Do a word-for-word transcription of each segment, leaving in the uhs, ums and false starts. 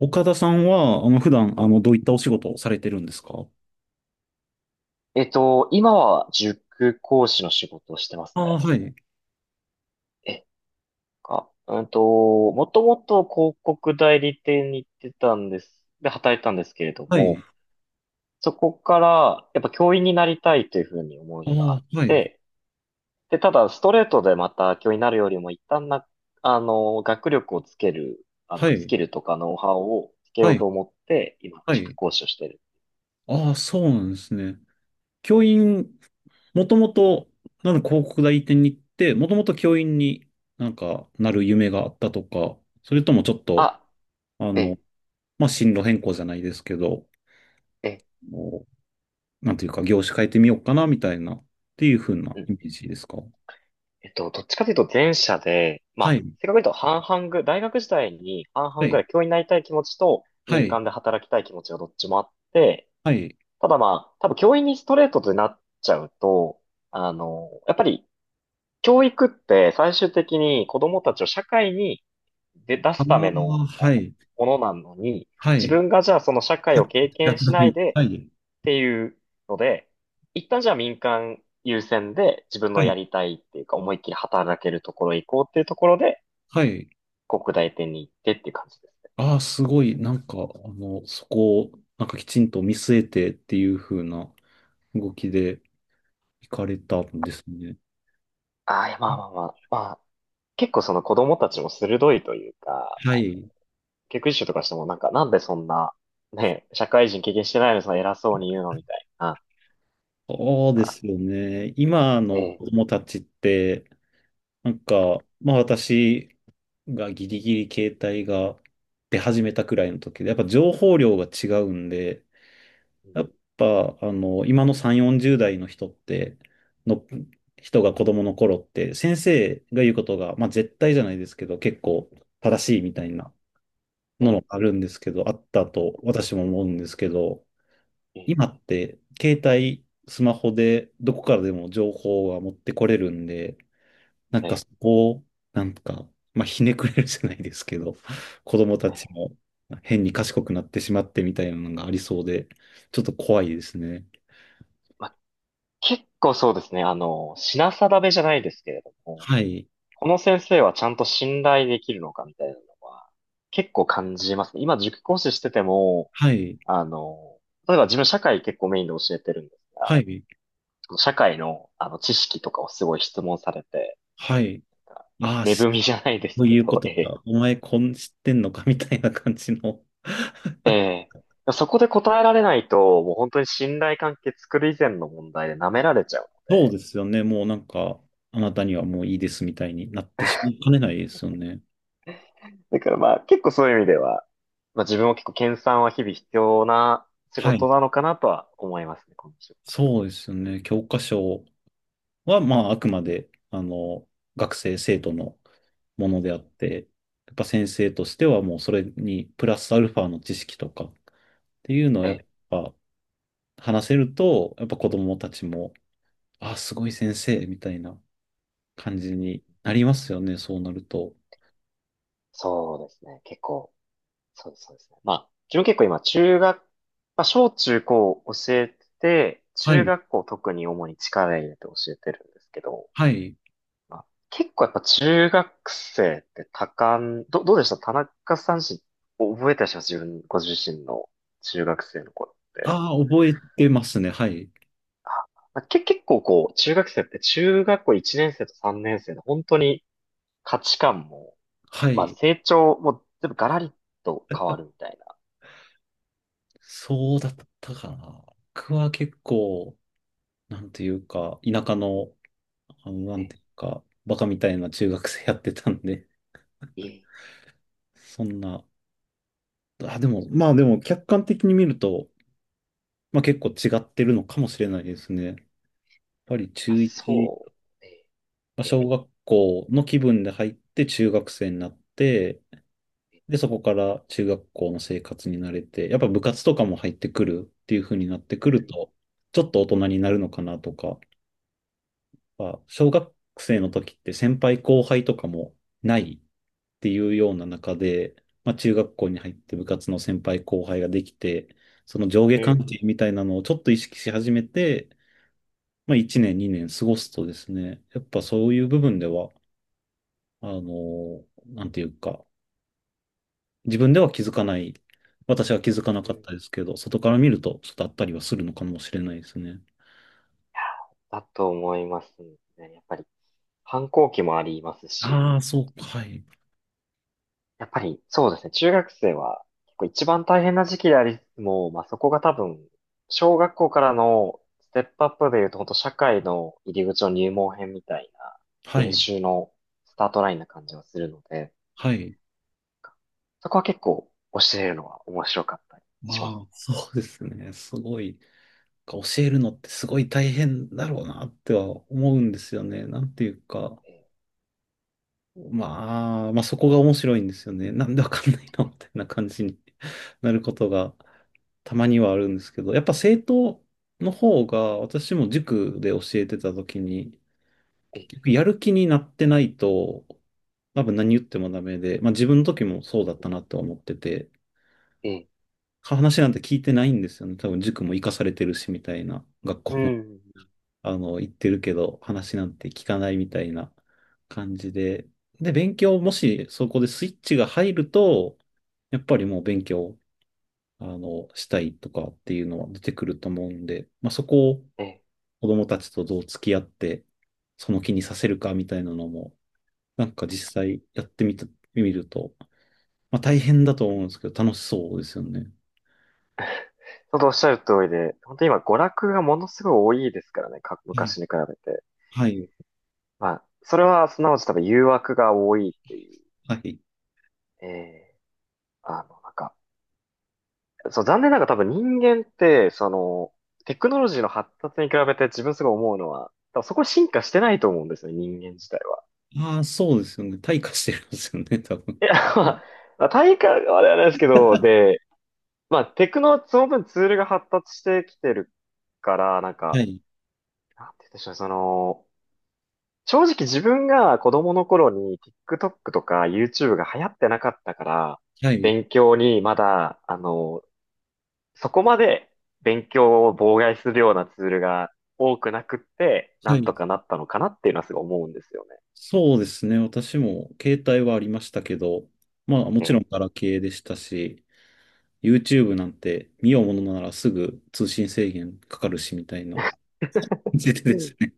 岡田さんは、あの、普段、あの、どういったお仕事をされてるんですか？えっと、今は塾講師の仕事をしてますああ、ね。はい。え、か、うんと、もともと広告代理店に行ってたんです。で、働いたんですけれどはい。も、あそこから、やっぱ教員になりたいというふうに思あ、いがあっはい。て、で、ただ、ストレートでまた教員になるよりも、一旦な、あの、学力をつける、あはの、スい。キルとかノウハウをつけはようい。と思って、今、は塾い。講師をしてる。ああ、そうなんですね。教員、もともと、なんか広告代理店に行って、もともと教員になんかなる夢があったとか、それともちょっと、あ、あの、え、まあ、進路変更じゃないですけど、え、もうなんていうか、業種変えてみようかな、みたいな、っていう風なうイんメージですか？えっと、どっちかというと前者で、まはあ、い。正確に言うと半々ぐ、大学時代に半は々ぐらい。い教員になりたい気持ちとは民い。間で働きたい気持ちがどっちもあって、はい。ただまあ、多分教員にストレートでなっちゃうと、あの、やっぱり教育って最終的に子供たちを社会に出、出あすための、あ、あはい。のものなのに、は自い。分がじゃあその社さ会っをき経知ら験しなないい。ではい。っていうので、一旦じゃあ民間優先で自分はのやい。りたいっていうか思いっきり働けるところへ行こうっていうところで、はい。国大店に行ってっていう感じですね。ああ、すごい。なんか、あの、そこを、なんかきちんと見据えてっていう風な動きで行かれたんですね。ああ、いや、まあまあまあ、まあ、結構その子供たちも鋭いというか、はい。教育実習とかしてもなんかなんでそんな、ね、社会人経験してないのにその偉そうに言うのみたいな。そうまであ、すよね。今えのえ、子供たちって、なんか、まあ私がギリギリ携帯が出始めたくらいの時で、やっぱ情報量が違うんで、やっえぱ、あの、今のさん、よんじゅう代の人って、の、人が子供の頃って、先生が言うことが、まあ絶対じゃないですけど、結構正しいみたいなのがえ、あるんですけど、あったと私も思うんですけど、ええ、今って、携帯、スマホでどこからでも情報は持ってこれるんで、なんえかそえ、こを、なんか、まあひねくれるじゃないですけど、子供えたちえ。も変に賢くなってしまってみたいなのがありそうで、ちょっと怖いですね。まあ、結構そうですね、あの、品定めじゃないですけれども、はい、この先生はちゃんと信頼できるのかみたいなのは結構感じますね。今塾講師してても、はい、あの、例えば自分社会結構メインで教えてるんですが、はい、社会の、あの知識とかをすごい質問されて、はい。ああ、値し踏みじゃないでそすうけいうこど、とええ、か。お前、こん、知ってんのかみたいな感じの。ええ、そこで答えられないと、もう本当に信頼関係作る以前の問題で舐められちゃうのそうで、ですよね。もうなんか、あなたにはもういいですみたいになってしま いかねないですよね。だからまあ結構そういう意味では、まあ自分も結構研鑽は日々必要な仕は事い。なのかなとは思いますね、この仕事。そうですよね。教科書は、まあ、あくまで、あの、学生、生徒のものであえっえ、て、やっぱ先生としてはもうそれに、プラスアルファの知識とかっていうのをえやっえ、ぱ話せると、やっぱ子供たちも、あ、すごい先生、みたいな感じになりますよね、そうなると。そうですね。結構、そうです、そうですね。まあ、自分結構今、中学、まあ、小中高教えてて、は中い、学校特に主に力入れて教えてるんですけど、はい。まあ、結構やっぱ中学生って多感、ど、どうでした田中さんし、覚えてらっしゃいます自分、ご自身の中学生の頃って。ああ、覚えてますね、はい。まあ、け、結構こう、中学生って中学校いちねん生とさんねん生で本当に価値観も、はまあい。成長も全部ガラリと変わるみたいな。そうだったかな。僕は結構、なんていうか、田舎の、あの、なんねていうか、バカみたいな中学生やってたんで、い、そんな、あ、でも、まあでも、客観的に見ると、まあ結構違ってるのかもしれないですね。やっぱりあ、中いち、そうねまあえ、小学校の気分で入って中学生になって、で、え、そこから中学校の生活に慣れて、やっぱ部活とかも入ってくるっていう風になってくるえと、ちょっと大人になるのかなとか、あ小学生の時って先輩後輩とかもないっていうような中で、まあ、中学校に入って部活の先輩後輩ができて、その上下うん、関係みたいなのをちょっと意識し始めて、まあ、いちねん、にねん過ごすとですね、やっぱそういう部分では、あの、なんていうか、自分では気づかない。私は気づかなうかん、うっん、たですけど、外から見るとちょっとあったりはするのかもしれないですね。だと思いますね。やっぱり、反抗期もありますし、ああ、そうか、はい。やっぱり、そうですね。中学生は、結構一番大変な時期でありつつも、まあ、そこが多分、小学校からのステップアップで言うと、本当社会の入り口の入門編みたいな、は練い。習のスタートラインな感じがするので、はい。そこは結構教えるのは面白かったりましますあ、そうですね。すごい。教えるのってすごい大変だろうなっては思うんですよね。なんていうか。ね。まあ、まあそこが面白いんですよね。なんでわかんないのみたいな感じに なることがたまにはあるんですけど、やっぱ生徒の方が私も塾で教えてた時に、え、結え、局やる気になってないと、多分何言ってもダメで、まあ自分の時もそううんだったなって思ってて、ええ、ええ、話なんて聞いてないんですよね。多分塾も行かされてるしみたいな、学う校も ん、 あの行ってるけど、話なんて聞かないみたいな感じで。で、勉強もしそこでスイッチが入ると、やっぱりもう勉強、あの、したいとかっていうのは出てくると思うんで、まあそこをええ。子供たちとどう付き合って、その気にさせるかみたいなのも、なんか実際やってみた、見ると、まあ大変だと思うんですけど、楽しそうですよね。本当おっしゃる通りで、本当今娯楽がものすごい多いですからね、かはい。昔に比べて。はい。まあ、それはすなわち多分誘惑が多いっていう、はい。ね、ええ。あの、なんか、そう、残念ながら多分人間って、その、テクノロジーの発達に比べて自分すごい思うのは、多分そこ進化してないと思うんですよね、人間自体は。ああ、そうですよね。退化してるんですよね、多分。いや、まあ、まあ、体感はあれはないですけど、で、まあ、テクノ、その分ツールが発達してきてるから、なんはか、い。なんて言うんでしょうね、その、正直自分が子供の頃に TikTok とか YouTube が流行ってなかったから、はい。勉強にまだ、あの、そこまで勉強を妨害するようなツールが多くなくって、なはんとい。かなったのかなっていうのはすごい思うんですよね。そうですね。私も携帯はありましたけど、まあもちろんええ、ガラケーでしたし、YouTube なんて見ようものならすぐ通信制限かかるしみたいな感じで うでん、すね。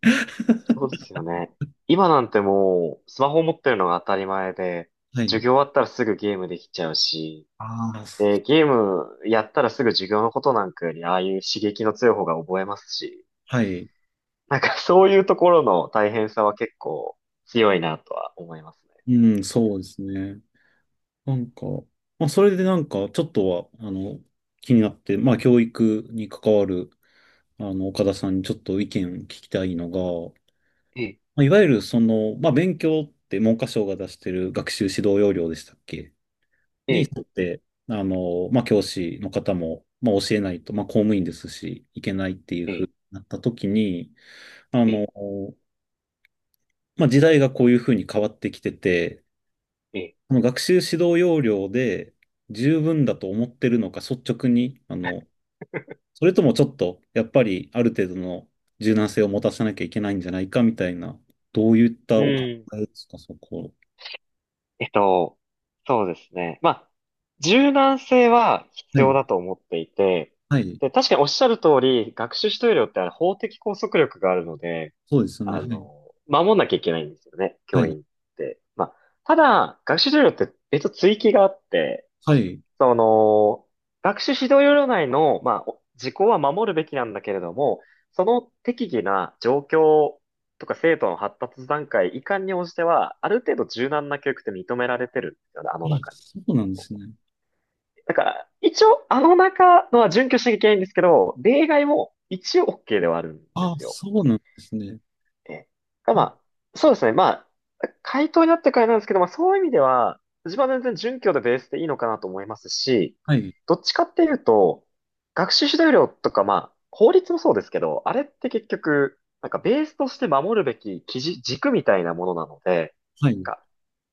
そ うですよね。今なんてもう、スマホを持ってるのが当たり前で、はい。授業終わったらすぐゲームできちゃうし、ああ、で、ゲームやったらすぐ授業のことなんかより、ああいう刺激の強い方が覚えますし、はい。なんかそういうところの大変さは結構強いなとは思いますうん、そうですね。なんか、まあ、それでなんか、ちょっとは、あの、気になって、まあ、教育に関わる、あの、岡田さんにちょっと意見聞きたいのが、ね。まあ、いわゆる、その、まあ、勉強って文科省が出してる学習指導要領でしたっけえにえ、沿って、あの、まあ、教師の方も、まあ、教えないと、まあ、公務員ですし、いけないっていうえふうえ、になった時に、あえの、え、まあ、時代がこういうふうに変わってきてて、ええ。その学習指導要領で十分だと思ってるのか、率直に、あの、それともちょっと、やっぱりある程度の柔軟性を持たせなきゃいけないんじゃないかみたいな、どういっうたお考ん。えですか、そこ。えっと、そうですね。まあ、柔軟性は必はい、要だと思っていて、はい、で、確かにおっしゃる通り、学習指導料ってあれ法的拘束力があるので、そうですよね。あはい、の、守んなきゃいけないんですよね、は教い、員って。まあ、ただ、学習指導料って別の追記があって、はい。その、学習指導要領内の、まあ、お時効は守るべきなんだけれども、その適宜な状況とか生徒の発達段階、遺憾に応じては、ある程度柔軟な教育って認められてるんですよね、ああ、の中に。そうなんですね。だから、一応、あの中のは準拠しなきゃいけないんですけど、例外も一応 OK ではあるんであ、すよ。そうなんですね。ええ、まであ、そうですね。まあ、回答になってからなんですけど、まあそういう意味では、自分は全然準教でベースでいいのかなと思いますし、はい、どっちかっていうと、学習指導料とか、まあ、法律もそうですけど、あれって結局、なんかベースとして守るべき基準、軸みたいなものなので、はなんい、か、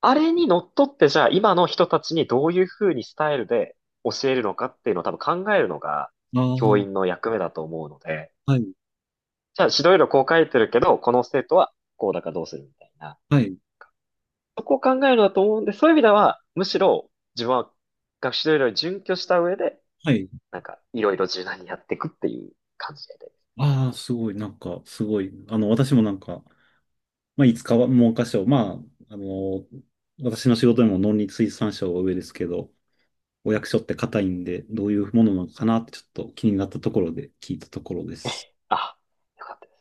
あれにのっとってじゃあ今の人たちにどういうふうにスタイルで教えるのかっていうのを多分考えるのがああ、教は員の役目だと思うので、い、じゃあ指導要領こう書いてるけど、この生徒はこうだからどうするみたいな。はい、そこを考えるだと思うんで、そういう意味では、むしろ自分は学習指導要に準拠した上で、はい。なんかいろいろ柔軟にやっていくっていう感じで。ああ、すごい、なんか、すごい。あの、私もなんか、まあ、いつかは文科省、まあ、あの、私の仕事でも農林水産省は上ですけど、お役所って硬いんで、どういうものなのかなってちょっと気になったところで聞いたところです。あ、よかった。